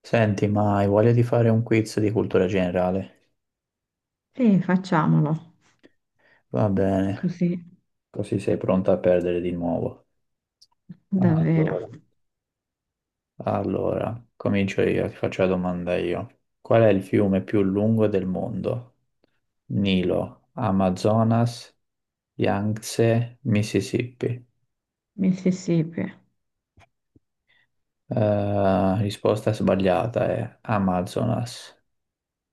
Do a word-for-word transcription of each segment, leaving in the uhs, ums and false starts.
Senti, ma hai voglia di fare un quiz di cultura generale? Sì, facciamolo. Va bene, Così, così sei pronta a perdere di nuovo. davvero. Allora, allora, comincio io, ti faccio la domanda io. Qual è il fiume più lungo del mondo? Nilo, Amazonas, Yangtze, Mississippi. Mississippi. Eh, risposta sbagliata, è Amazonas,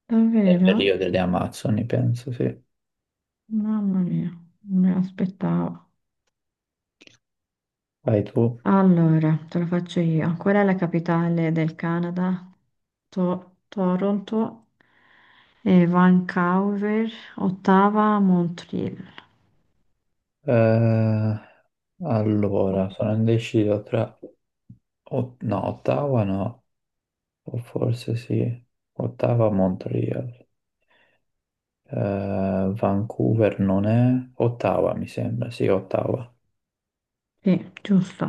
Davvero? nel Rio delle Amazzoni, penso, sì. Mamma mia, non me l'aspettavo. Vai tu. Allora, te lo faccio io. Qual è la capitale del Canada? To- Toronto, eh, Vancouver, Ottawa, Montreal. Eh, allora, sono indeciso tra... o- No, Ottawa no, o forse sì. Ottawa, o Montreal. Eh, Vancouver non è... Ottawa mi sembra, sì, Ottawa. Sì, giusto.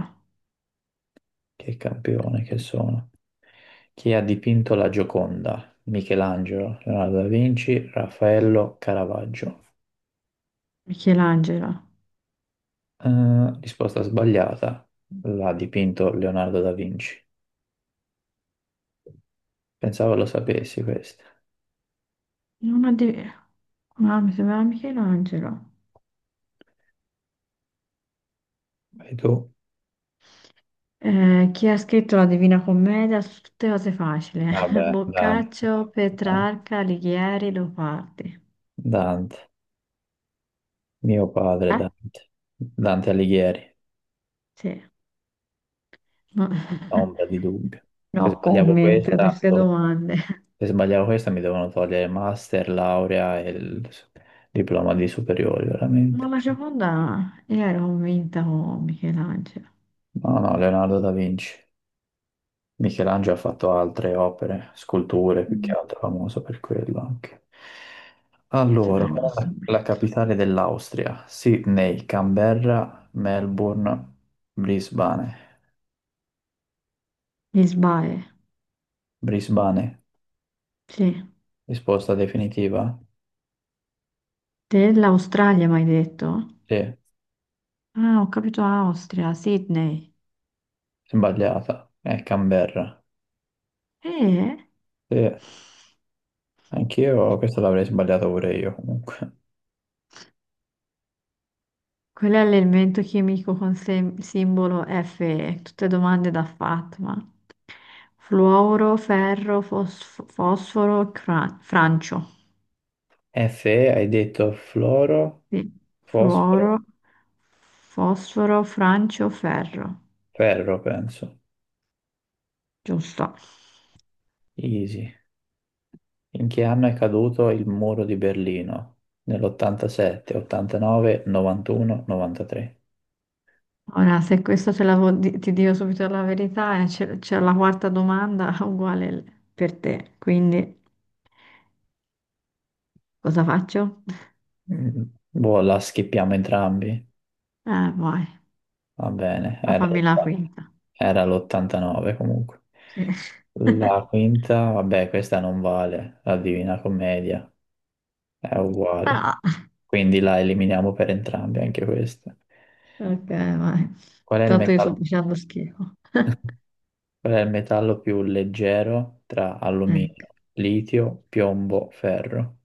Che campione che sono. Chi ha dipinto la Gioconda? Michelangelo, Leonardo da Vinci, Raffaello, Caravaggio. Michelangelo. Eh, risposta sbagliata. L'ha dipinto Leonardo da Vinci. Pensavo lo sapessi questo. Non ho di. Ah, mi sembrava Michelangelo. Vai tu. Eh, chi ha scritto la Divina Commedia su tutte cose facili? Eh? Vabbè, Dante, Boccaccio, Dan- Petrarca, Alighieri, Leopardi. Dante, mio padre Eh? Dante, Dante Alighieri, Sì, no, ombra di dubbio. Se no sbagliavo comment a questa, queste domande. se sbagliavo questa mi devono togliere master, laurea e il s- diploma di superiori, Ma veramente. la Gioconda, io ero convinta con Michelangelo. No, no, Leonardo da Vinci. Michelangelo ha fatto altre opere, sculture, più che Mm. altro, famoso per quello anche. Se mi è Allora, qual è rimasto la in la mente. capitale dell'Austria? Sydney, Canberra, Melbourne, Brisbane. Lisbae, Brisbane, sì. risposta definitiva? Dell'Australia mi hai detto? Sì, Ah, ho capito Austria, Sydney. sbagliata. È Canberra. Eh? Sì, anch'io questo l'avrei sbagliato pure io comunque. Quello è l'elemento chimico con sem- simbolo Fe, tutte domande da Fatma. Fluoro, ferro, fosf- fosforo, cra- francio. Fe, hai detto fluoro, Sì. fosforo, Fluoro, fosforo, francio, ferro. ferro, penso. Giusto. Easy. In che anno è caduto il muro di Berlino? Nell'ottantasette, ottantanove, novantuno, novantatré. Ora, se questo ce l'avevo di- ti dico subito la verità, eh, c'è c'è la quarta domanda uguale l- per te. Quindi, cosa faccio? Mm, Boh, la schippiamo entrambi? Eh, vai, Va bene, ma fammi la quinta. era l'ottantanove comunque. Sì. La quinta, vabbè, questa non vale, la Divina Commedia è uguale, No. quindi la eliminiamo per entrambi anche questa. Ok, vai. Qual è il Tanto io sto metallo, facendo schifo. qual è il metallo più leggero tra Ecco. alluminio, litio, piombo, ferro?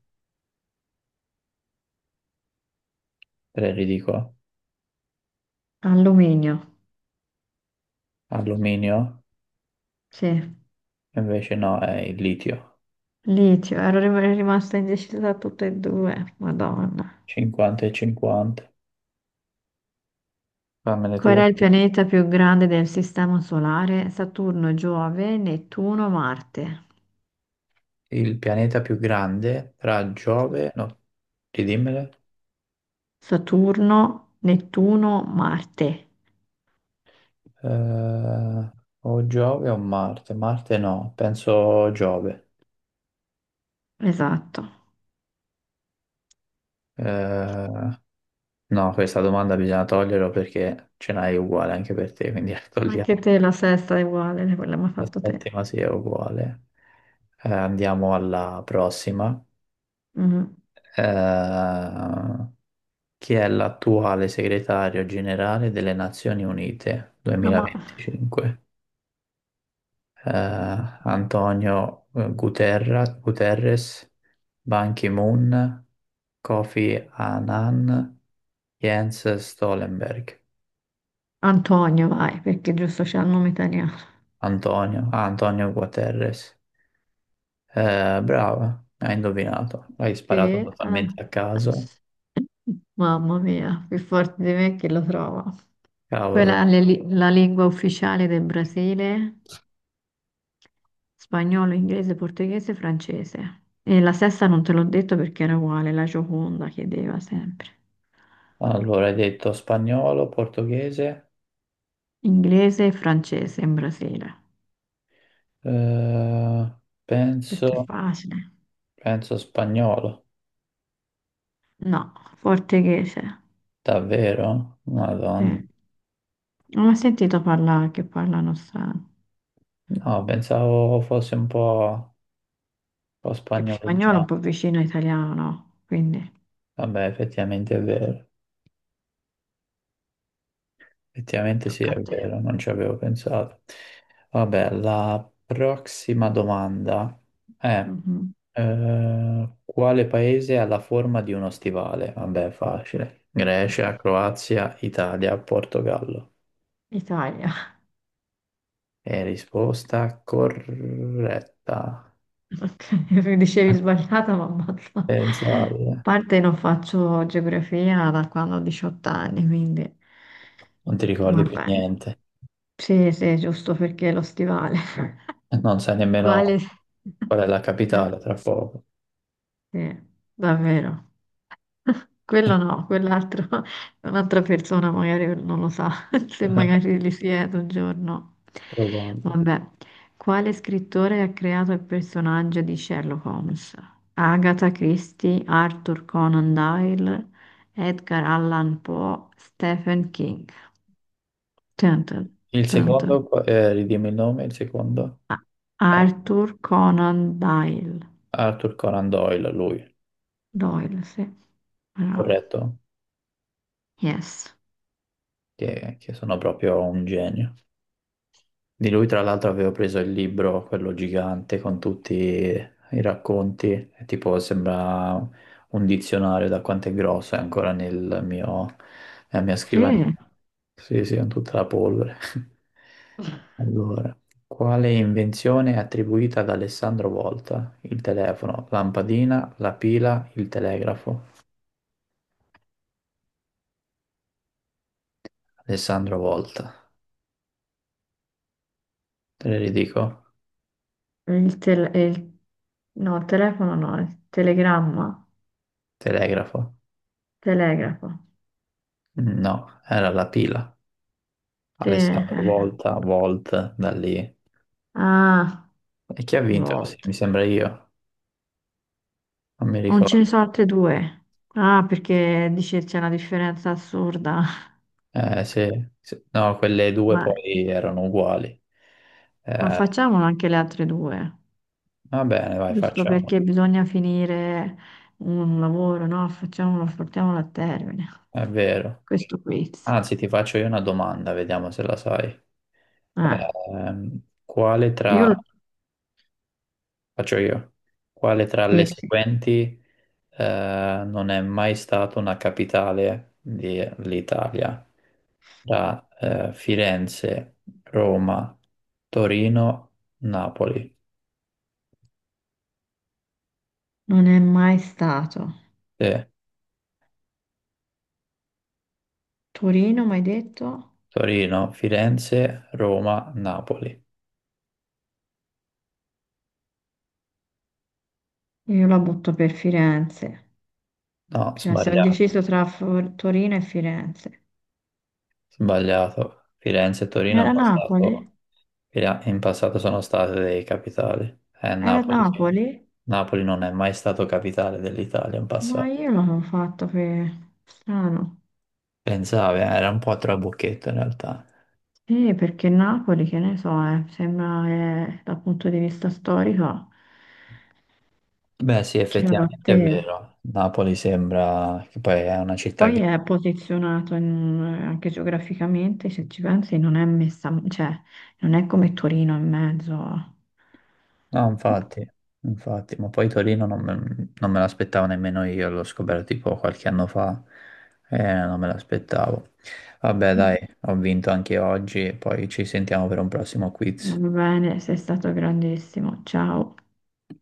Tre li dico. Alluminio. Alluminio? Sì. Invece no, è il litio. Licio. Ero rim- rimasta indecisa da tutte e due. Madonna. cinquanta e cinquanta. Fammene Qual è tu. il pianeta più grande del sistema solare? Saturno, Giove, Nettuno, Marte. Il pianeta più grande tra Sì. Giove, no, ridimmele. Saturno, Nettuno, Marte. Eh, o Giove o Marte? Marte no, penso Giove. Esatto. Eh, no, questa domanda bisogna toglierla perché ce n'hai uguale anche per te, quindi la Anche togliamo. te la sesta è uguale, quella mi ha La fatto te. settima sì è uguale. Eh, andiamo alla prossima. Mhm. Eh, Chi è l'attuale segretario generale delle Nazioni Unite Ah, ma- duemilaventicinque? eh, Antonio eh, Guterra, Guterres, Ban Ki-moon, Kofi Annan, Jens Stoltenberg. Antonio, vai, perché giusto c'è il nome italiano. Antonio, ah, Antonio Guterres. Eh, brava, hai indovinato, l'hai Sì, sparato eh. totalmente a caso. Mamma mia, più forte di me chi lo trova. Cavolo. Quella è la li- la lingua ufficiale del Brasile, spagnolo, inglese, portoghese, francese. E la sesta non te l'ho detto perché era uguale, la Gioconda chiedeva sempre. Allora, hai detto spagnolo, portoghese, Inglese e francese in Brasile. eh, Questo è penso, facile. penso spagnolo, No, portoghese. davvero? Madonna. Sì. Non ho sentito parlare che parlano strano. No, pensavo fosse un po'... po' Che spagnolo è un spagnoleggiato. po' vicino all'italiano, no? Quindi Vabbè, effettivamente è vero. Effettivamente sì, tocca a è te. vero, non ci avevo pensato. Vabbè, la prossima domanda è Mhm. eh, quale paese ha la forma di uno stivale? Vabbè, facile. Grecia, Croazia, Italia, Portogallo. Italia, E risposta corretta. ok, dicevi sbagliata, ma ammazza. A Pensate, eh. parte non faccio geografia da quando ho diciotto anni, quindi Non ti ricordi va più bene. niente. Sì, sì, giusto perché lo stivale. Non sai Quale? nemmeno qual è la Eh, capitale tra poco. sì, davvero. Quello no, quell'altro, un'altra persona magari non lo sa, se magari li siede un giorno. Probabile. Vabbè, quale scrittore ha creato il personaggio di Sherlock Holmes? Agatha Christie, Arthur Conan Doyle, Edgar Allan Poe, Stephen King. Tun, tun, Il tun, tun. secondo, qua- eh, ridimmi il nome, il secondo. Ah, Arthur Conan Doyle. Arthur Conan Doyle, lui, Doyle, sì. Bravo. corretto? Yes. Che, che sono proprio un genio. Di lui, tra l'altro, avevo preso il libro, quello gigante, con tutti i racconti, e tipo sembra un dizionario da quanto è grosso, è ancora nel mio, nella mia scrivania. Sì. Sì, sì, con tutta la polvere. Allora, quale invenzione è attribuita ad Alessandro Volta? Il telefono, lampadina, la pila, il telegrafo. Alessandro Volta. Te le ridico? Il tel- il- no, telefono no, il telegramma, Telegrafo? telegrafo. No, era la pila. Sì, eh. Alessandro Eh. Volta, Volt, da lì. Ah, E chi ha vinto? Sì, volta. mi sembra io, non mi Non ce ne sono ricordo. altre due. Ah, perché dice c'è una differenza assurda. Eh, sì, sì. No, quelle due Ma, poi erano uguali. ma Eh, facciamolo anche le altre due, Va bene, vai, giusto facciamo. perché bisogna finire un lavoro, no? Facciamolo, portiamolo a termine. È vero. Questo quiz. Anzi, ti faccio io una domanda, vediamo se la sai. Ah, Ehm, quale io tra, lo- faccio io, quale tra le sì, sì. seguenti eh, non è mai stata una capitale dell'Italia? Tra eh, Firenze, Roma, Torino, Napoli. Non è mai stato. Sì, Torino, mi hai detto? Torino, Firenze, Roma, Napoli. Io la butto per Firenze, No, cioè sono indeciso sbagliato, tra Fo- Torino e Firenze. sbagliato. Firenze e Torino è Era Napoli? passato. Via, in passato sono state dei capitali. È Era Napoli che... Napoli? Napoli non è mai stato capitale dell'Italia in Ma passato. io l'avevo fatto per strano. Pensavi, eh, era un po' a trabocchetto in realtà. Sì, perché Napoli, che ne so, eh, sembra che dal punto di vista storico Beh, sì, che la effettivamente è batteva. vero. Napoli sembra che poi è una città Poi grande. è posizionato in- eh, anche geograficamente, se ci pensi, non è messa, cioè non è come Torino in mezzo. No, Boh. infatti, infatti, ma poi Torino non me, non me l'aspettavo nemmeno io, l'ho scoperto tipo qualche anno fa e non me l'aspettavo. Vabbè, dai, Mm, ho vinto anche oggi, poi ci sentiamo per un prossimo Va quiz. bene, sei stato grandissimo. Ciao.